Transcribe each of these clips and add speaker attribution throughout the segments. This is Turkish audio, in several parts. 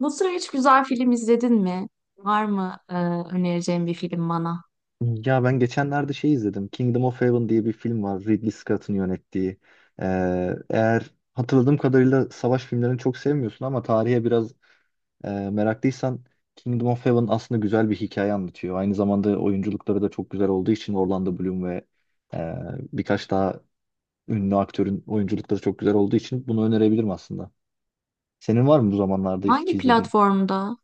Speaker 1: Bu sıra hiç güzel film izledin mi? Var mı önereceğin bir film bana?
Speaker 2: Ya ben geçenlerde şey izledim. Kingdom of Heaven diye bir film var. Ridley Scott'ın yönettiği. Eğer hatırladığım kadarıyla savaş filmlerini çok sevmiyorsun ama tarihe biraz meraklıysan Kingdom of Heaven aslında güzel bir hikaye anlatıyor. Aynı zamanda oyunculukları da çok güzel olduğu için Orlando Bloom ve e, birkaç daha ünlü aktörün oyunculukları çok güzel olduğu için bunu önerebilirim aslında. Senin var mı bu zamanlarda hiç
Speaker 1: Hangi
Speaker 2: izlediğin?
Speaker 1: platformda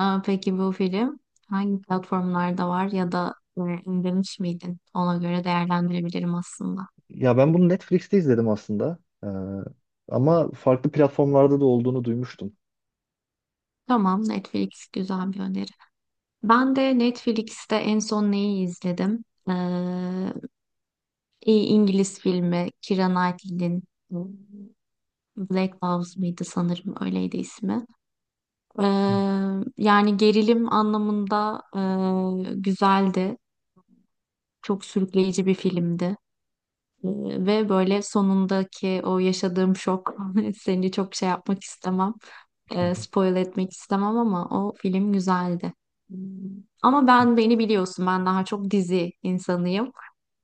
Speaker 1: peki bu film? Hangi platformlarda var ya da indirmiş miydin? Ona göre değerlendirebilirim aslında.
Speaker 2: Ya ben bunu Netflix'te izledim aslında. Ee, ama farklı platformlarda da olduğunu duymuştum.
Speaker 1: Tamam, Netflix güzel bir öneri. Ben de Netflix'te en son neyi izledim? E, iyi İngiliz filmi Keira Knightley'nin e, Black Loves mıydı sanırım öyleydi ismi. Eee, Yani gerilim anlamında güzeldi. Çok sürükleyici bir filmdi. Ve böyle sonundaki o yaşadığım şok seni çok şey yapmak istemem.
Speaker 2: Hı hı.
Speaker 1: Spoil etmek istemem ama o film güzeldi. Hmm. Ama ben beni biliyorsun, ben daha çok dizi insanıyım.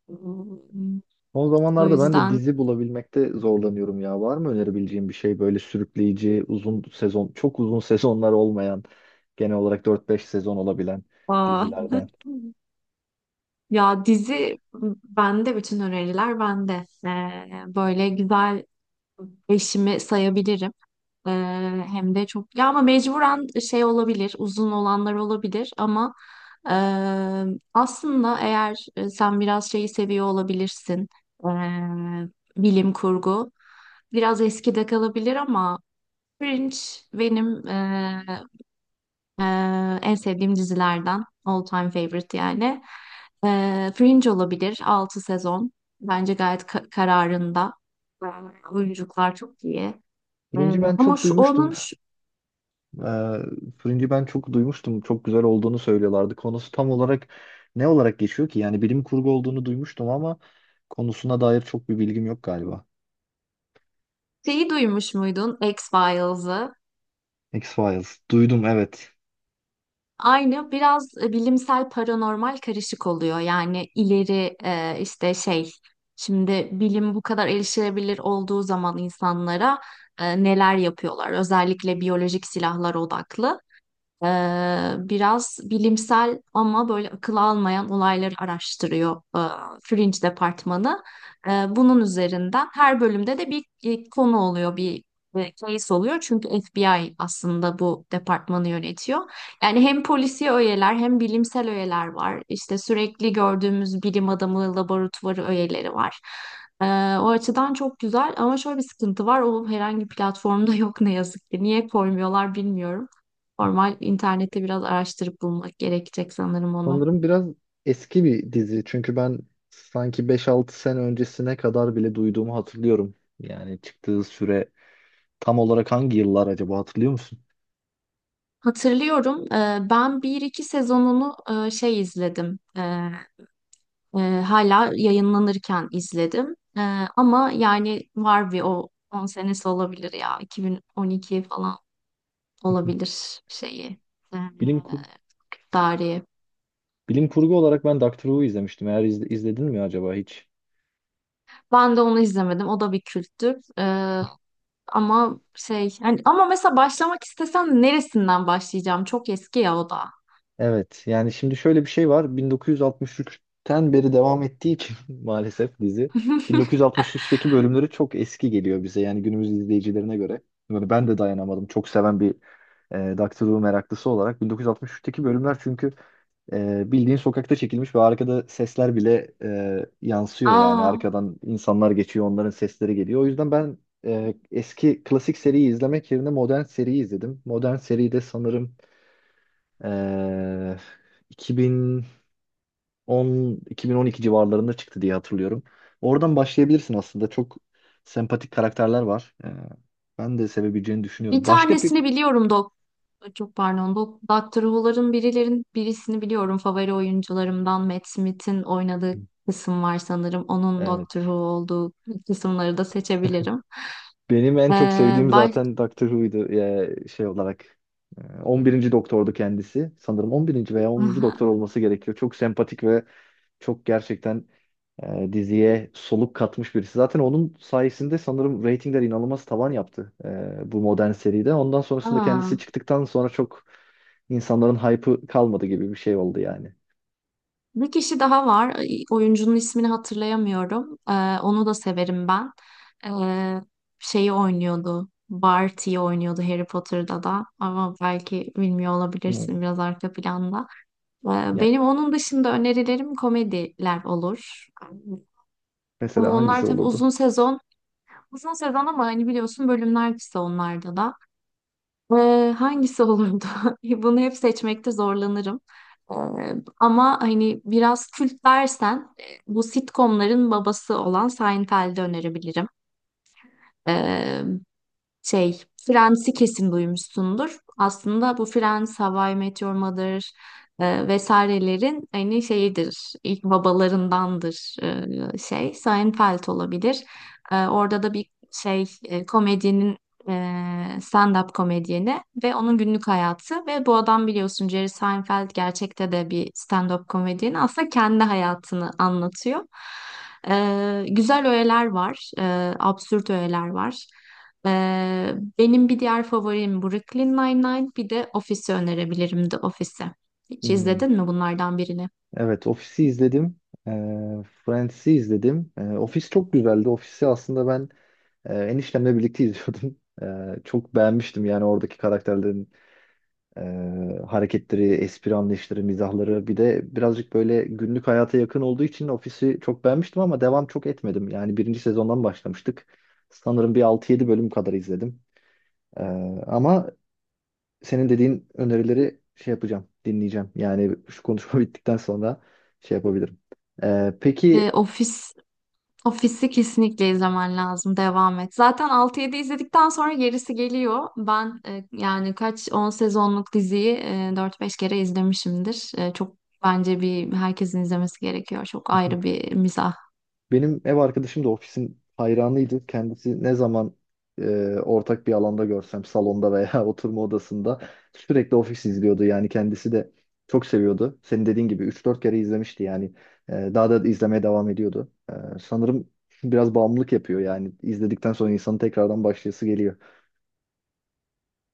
Speaker 1: Hmm.
Speaker 2: Son
Speaker 1: O
Speaker 2: zamanlarda ben de
Speaker 1: yüzden
Speaker 2: dizi bulabilmekte zorlanıyorum ya. Var mı önerebileceğim bir şey böyle sürükleyici, uzun sezon, çok uzun sezonlar olmayan, genel olarak dört beş sezon olabilen
Speaker 1: aa,
Speaker 2: dizilerden?
Speaker 1: ya dizi bütün öneriler bende. Böyle güzel eşimi sayabilirim. Ee, Hem de çok ya ama mecburen şey olabilir uzun olanlar olabilir ama e, aslında eğer sen biraz şeyi seviyor olabilirsin, e, bilim kurgu biraz eskide kalabilir ama Fringe benim e, en sevdiğim dizilerden, all time favorite yani. Fringe olabilir, 6 sezon bence gayet kararında. E, Oyunculuklar çok iyi.
Speaker 2: Fringe'i ben
Speaker 1: Ama
Speaker 2: çok
Speaker 1: şu
Speaker 2: duymuştum.
Speaker 1: onun
Speaker 2: Ee, Fringe'i ben çok duymuştum. Çok güzel olduğunu söylüyorlardı. Konusu tam olarak ne olarak geçiyor ki? Yani bilim kurgu olduğunu duymuştum ama konusuna dair çok bir bilgim yok galiba.
Speaker 1: şeyi duymuş muydun, X-Files'ı?
Speaker 2: X-Files. Duydum, evet.
Speaker 1: Aynı biraz bilimsel paranormal karışık oluyor. Yani ileri işte şey, şimdi bilim bu kadar erişilebilir olduğu zaman insanlara neler yapıyorlar? Özellikle biyolojik silahlar odaklı. Biraz bilimsel ama böyle akıl almayan olayları araştırıyor Fringe departmanı. Bunun üzerinden her bölümde de bir konu oluyor, bir case oluyor. Çünkü FBI aslında bu departmanı yönetiyor. Yani hem polisi öğeler hem bilimsel öğeler var. İşte sürekli gördüğümüz bilim adamı laboratuvarı öğeleri var. Ee, O açıdan çok güzel ama şöyle bir sıkıntı var. O herhangi bir platformda yok ne yazık ki. Niye koymuyorlar bilmiyorum. Normal internette biraz araştırıp bulmak gerekecek sanırım onu.
Speaker 2: Sanırım biraz eski bir dizi. Çünkü ben sanki beş altı sene öncesine kadar bile duyduğumu hatırlıyorum. Yani çıktığı süre tam olarak hangi yıllar acaba hatırlıyor musun?
Speaker 1: Hatırlıyorum, ben bir iki sezonunu izledim. Hala yayınlanırken izledim. Ama yani var bir o 10 senesi olabilir ya. 2012 falan olabilir şeyi. E,
Speaker 2: Bilim kur
Speaker 1: Dariye.
Speaker 2: bilim kurgu olarak ben Doctor Who izlemiştim. Eğer izledin mi acaba hiç?
Speaker 1: Ben de onu izlemedim. O da bir kültür. Ama şey yani ama mesela başlamak istesem neresinden başlayacağım? Çok eski ya o da.
Speaker 2: Evet, yani şimdi şöyle bir şey var, 1963'ten beri devam ettiği için maalesef dizi 1963'teki bölümleri çok eski geliyor bize yani günümüz izleyicilerine göre. Yani ben de dayanamadım çok seven bir Doctor Who meraklısı olarak 1963'teki bölümler çünkü bildiğin sokakta çekilmiş ve arkada sesler bile yansıyor yani
Speaker 1: Aa.
Speaker 2: arkadan insanlar geçiyor onların sesleri geliyor. O yüzden ben eski klasik seriyi izlemek yerine modern seriyi izledim. Modern seride sanırım ee, 2010 2012 civarlarında çıktı diye hatırlıyorum. Oradan başlayabilirsin aslında. Çok sempatik karakterler var. Ben de sevebileceğini
Speaker 1: Bir
Speaker 2: düşünüyorum. Başka peki?
Speaker 1: tanesini biliyorum dok çok pardon, Doctor Who'ların birilerin birisini biliyorum. Favori oyuncularımdan Matt Smith'in oynadığı kısım var sanırım. Onun Doctor Who
Speaker 2: Evet.
Speaker 1: olduğu kısımları da seçebilirim.
Speaker 2: Benim en çok
Speaker 1: Ee,
Speaker 2: sevdiğim
Speaker 1: baş...
Speaker 2: zaten Doctor Who'ydu ya şey olarak. 11. Doktor'du kendisi. Sanırım 11. veya 10. Doktor olması gerekiyor. Çok sempatik ve çok gerçekten diziye soluk katmış birisi. Zaten onun sayesinde sanırım reytingler inanılmaz tavan yaptı bu modern seride. Ondan sonrasında kendisi
Speaker 1: Aa,
Speaker 2: çıktıktan sonra çok insanların hype'ı kalmadı gibi bir şey oldu yani.
Speaker 1: bir kişi daha var. Ay, oyuncunun ismini hatırlayamıyorum. Onu da severim ben. Ee, Şeyi oynuyordu, Barty'yi oynuyordu Harry Potter'da da ama belki bilmiyor
Speaker 2: Hmm.
Speaker 1: olabilirsin, biraz arka planda.
Speaker 2: Ya,
Speaker 1: Benim onun dışında önerilerim komediler olur.
Speaker 2: mesela
Speaker 1: Ama
Speaker 2: hangisi
Speaker 1: onlar tabii
Speaker 2: olurdu?
Speaker 1: uzun sezon. Uzun sezon ama hani biliyorsun bölümler kısa onlarda da. Hangisi olurdu? Bunu hep seçmekte zorlanırım. Ee, Ama hani biraz kült dersen, bu sitcomların babası olan Seinfeld'i önerebilirim. Ee, Şey, Friends'i kesin duymuşsundur. Aslında bu Friends, How I Met Your Mother vesairelerin aynı şeyidir. İlk babalarındandır. Seinfeld olabilir. Orada da bir şey e, komedyenin e, stand-up komedyeni ve onun günlük hayatı, ve bu adam biliyorsun Jerry Seinfeld gerçekte de bir stand-up komedyeni, aslında kendi hayatını anlatıyor. Güzel öğeler var, absürt öğeler var. Benim bir diğer favorim Brooklyn Nine-Nine. Bir de Office'i önerebilirim, The Office'i. Hiç
Speaker 2: Hmm.
Speaker 1: izledin mi bunlardan birini?
Speaker 2: Evet, Office'i izledim. E, Friends'i izledim. Office çok güzeldi. Office'i aslında ben eniştemle birlikte izliyordum. Çok beğenmiştim yani oradaki karakterlerin hareketleri, espri anlayışları, mizahları bir de birazcık böyle günlük hayata yakın olduğu için ofisi çok beğenmiştim ama devam çok etmedim. Yani birinci sezondan başlamıştık. Sanırım bir altı yedi bölüm kadar izledim. Ee, ama senin dediğin önerileri şey yapacağım, dinleyeceğim. Yani şu konuşma bittikten sonra şey yapabilirim. Ee,
Speaker 1: Ee,
Speaker 2: peki
Speaker 1: Office, Office'i kesinlikle izlemen lazım. Devam et. Zaten altı yedi izledikten sonra gerisi geliyor. Ben yani kaç 10 sezonluk diziyi 4-5 kere izlemişimdir. Çok bence, bir herkesin izlemesi gerekiyor. Çok ayrı bir mizah.
Speaker 2: Benim ev arkadaşım da ofisin hayranıydı. Kendisi ne zaman e, ortak bir alanda görsem salonda veya oturma odasında sürekli ofis izliyordu. Yani kendisi de çok seviyordu. Senin dediğin gibi üç dört kere izlemişti yani. Daha da izlemeye devam ediyordu. Sanırım biraz bağımlılık yapıyor yani. İzledikten sonra insanın tekrardan başlayası geliyor.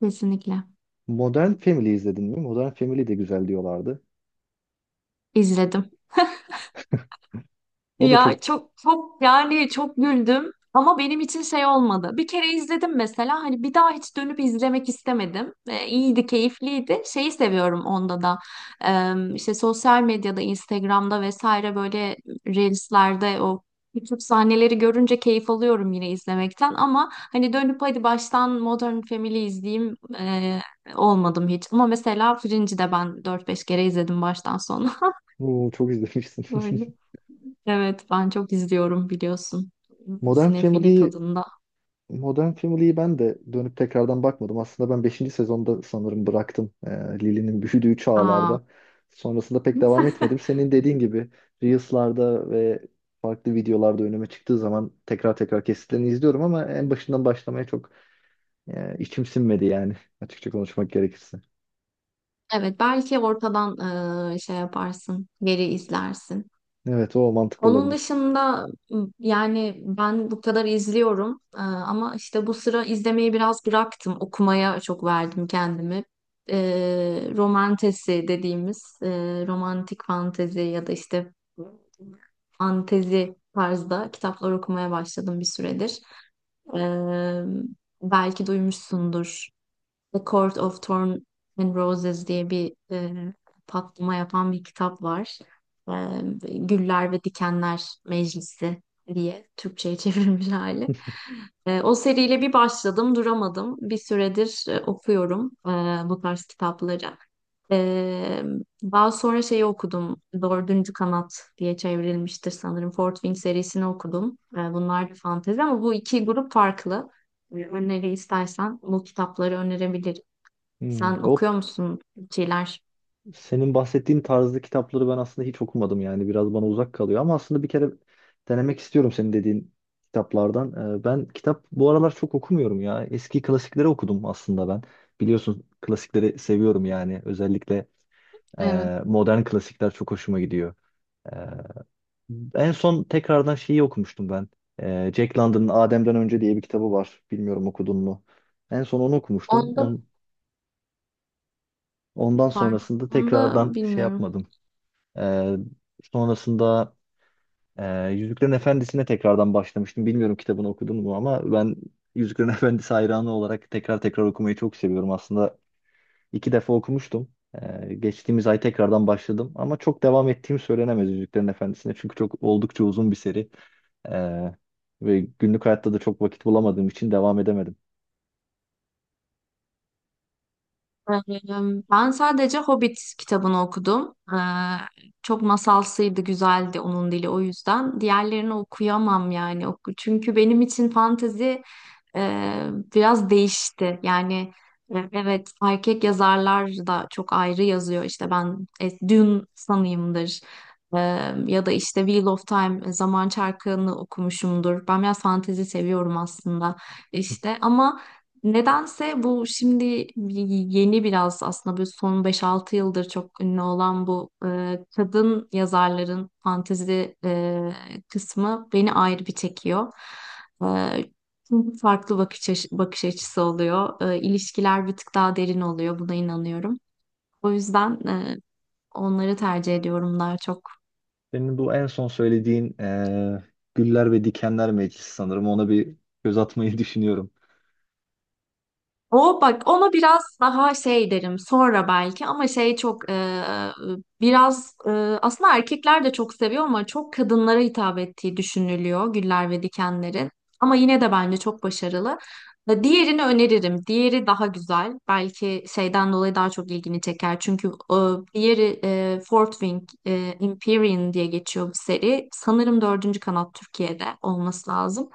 Speaker 1: Kesinlikle.
Speaker 2: Modern Family izledin mi? Modern Family de güzel diyorlardı.
Speaker 1: İzledim.
Speaker 2: O da çok.
Speaker 1: Ya çok çok yani çok güldüm ama benim için şey olmadı. Bir kere izledim mesela, hani bir daha hiç dönüp izlemek istemedim. İyiydi, keyifliydi. Şeyi seviyorum onda da. İşte sosyal medyada, Instagram'da vesaire, böyle Reels'lerde o küçük sahneleri görünce keyif alıyorum yine izlemekten ama hani dönüp hadi baştan Modern Family izleyeyim olmadım hiç. Ama mesela Fringe'i de ben dört beş kere izledim baştan sona.
Speaker 2: Oo, çok izlemişsin.
Speaker 1: Böyle. Evet, ben çok izliyorum biliyorsun.
Speaker 2: Modern
Speaker 1: Sinefili
Speaker 2: Family'yi
Speaker 1: tadında.
Speaker 2: Modern Family'yi ben de dönüp tekrardan bakmadım. Aslında ben beşinci sezonda sanırım bıraktım. Lily'nin büyüdüğü
Speaker 1: Aa.
Speaker 2: çağlarda. Sonrasında pek devam etmedim. Senin dediğin gibi Reels'larda ve farklı videolarda önüme çıktığı zaman tekrar tekrar kesitlerini izliyorum ama en başından başlamaya çok içim sinmedi yani açıkça konuşmak gerekirse.
Speaker 1: Evet, belki ortadan şey yaparsın, geri izlersin.
Speaker 2: Evet, o mantıklı
Speaker 1: Onun
Speaker 2: olabilir.
Speaker 1: dışında yani ben bu kadar izliyorum. Ama işte bu sıra izlemeyi biraz bıraktım. Okumaya çok verdim kendimi. Romantesi dediğimiz, romantik fantezi ya da işte fantezi tarzda kitaplar okumaya başladım bir süredir. Ee, Belki duymuşsundur. The Court of Thorn and Roses diye bir, patlama yapan bir kitap var. E, Güller ve Dikenler Meclisi diye Türkçe'ye çevrilmiş hali. O seriyle bir başladım, duramadım. Bir süredir okuyorum bu tarz kitapları. E, Daha sonra şeyi okudum, Dördüncü Kanat diye çevrilmiştir sanırım. Fort Wing serisini okudum. Bunlar da fantezi ama bu iki grup farklı. Öneri istersen bu kitapları önerebilirim.
Speaker 2: Hmm,
Speaker 1: Sen
Speaker 2: o.
Speaker 1: okuyor musun bir şeyler?
Speaker 2: Senin bahsettiğin tarzda kitapları ben aslında hiç okumadım yani biraz bana uzak kalıyor ama aslında bir kere denemek istiyorum senin dediğin kitaplardan. Ben kitap bu aralar çok okumuyorum ya. Eski klasikleri okudum aslında ben. Biliyorsun klasikleri seviyorum yani özellikle
Speaker 1: Evet.
Speaker 2: modern klasikler çok hoşuma gidiyor. Ee, En son tekrardan şeyi okumuştum ben. Jack London'ın Adem'den Önce diye bir kitabı var. Bilmiyorum, okudun mu? En son onu okumuştum.
Speaker 1: Onda
Speaker 2: Ondan
Speaker 1: pardon.
Speaker 2: sonrasında
Speaker 1: Onda
Speaker 2: tekrardan şey
Speaker 1: bilmiyorum.
Speaker 2: yapmadım. Ee, sonrasında Yüzüklerin Efendisi'ne tekrardan başlamıştım. Bilmiyorum kitabını okudun mu ama ben Yüzüklerin Efendisi hayranı olarak tekrar tekrar okumayı çok seviyorum. Aslında iki defa okumuştum. Geçtiğimiz ay tekrardan başladım ama çok devam ettiğim söylenemez Yüzüklerin Efendisi'ne çünkü çok oldukça uzun bir seri. Ee, ve günlük hayatta da çok vakit bulamadığım için devam edemedim.
Speaker 1: Ben sadece Hobbit kitabını okudum. Çok masalsıydı, güzeldi onun dili, o yüzden. Diğerlerini okuyamam yani. Çünkü benim için fantezi e, biraz değişti. Yani evet erkek yazarlar da çok ayrı yazıyor. İşte ben Dune sanıyımdır. Ee, Ya da işte Wheel of Time, Zaman Çarkı'nı okumuşumdur. Ben biraz fantezi seviyorum aslında işte ama nedense bu şimdi yeni biraz, aslında bir son beş altı yıldır çok ünlü olan bu kadın yazarların fantezi kısmı beni ayrı bir çekiyor. E, Çünkü farklı bakış açısı oluyor. İlişkiler bir tık daha derin oluyor. Buna inanıyorum. O yüzden onları tercih ediyorum daha çok.
Speaker 2: Senin bu en son söylediğin Güller ve Dikenler Meclisi, sanırım ona bir göz atmayı düşünüyorum.
Speaker 1: O, bak ona biraz daha şey derim sonra belki ama şey çok biraz aslında erkekler de çok seviyor ama çok kadınlara hitap ettiği düşünülüyor Güller ve Dikenler'in. Ama yine de bence çok başarılı. Diğerini öneririm. Diğeri daha güzel. Belki şeyden dolayı daha çok ilgini çeker. Çünkü diğeri, Fort Wing, Empyrean diye geçiyor bu seri. Sanırım Dördüncü Kanat Türkiye'de olması lazım.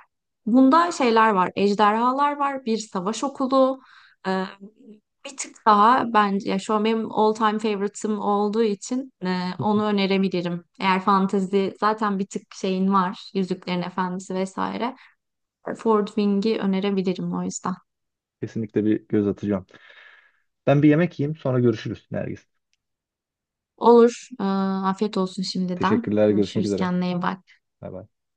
Speaker 1: Bunda şeyler var. Ejderhalar var, bir savaş okulu, ee, bir tık daha bence, ya şu an benim all time favorite'ım olduğu için onu önerebilirim. Eğer fantezi zaten bir tık şeyin var, Yüzüklerin Efendisi vesaire. Ford Wing'i önerebilirim o yüzden.
Speaker 2: Kesinlikle bir göz atacağım. Ben bir yemek yiyeyim, sonra görüşürüz Nergis.
Speaker 1: Olur. Afiyet olsun şimdiden.
Speaker 2: Teşekkürler, görüşmek
Speaker 1: Görüşürüz.
Speaker 2: üzere.
Speaker 1: Kendine iyi bak.
Speaker 2: Bay bay.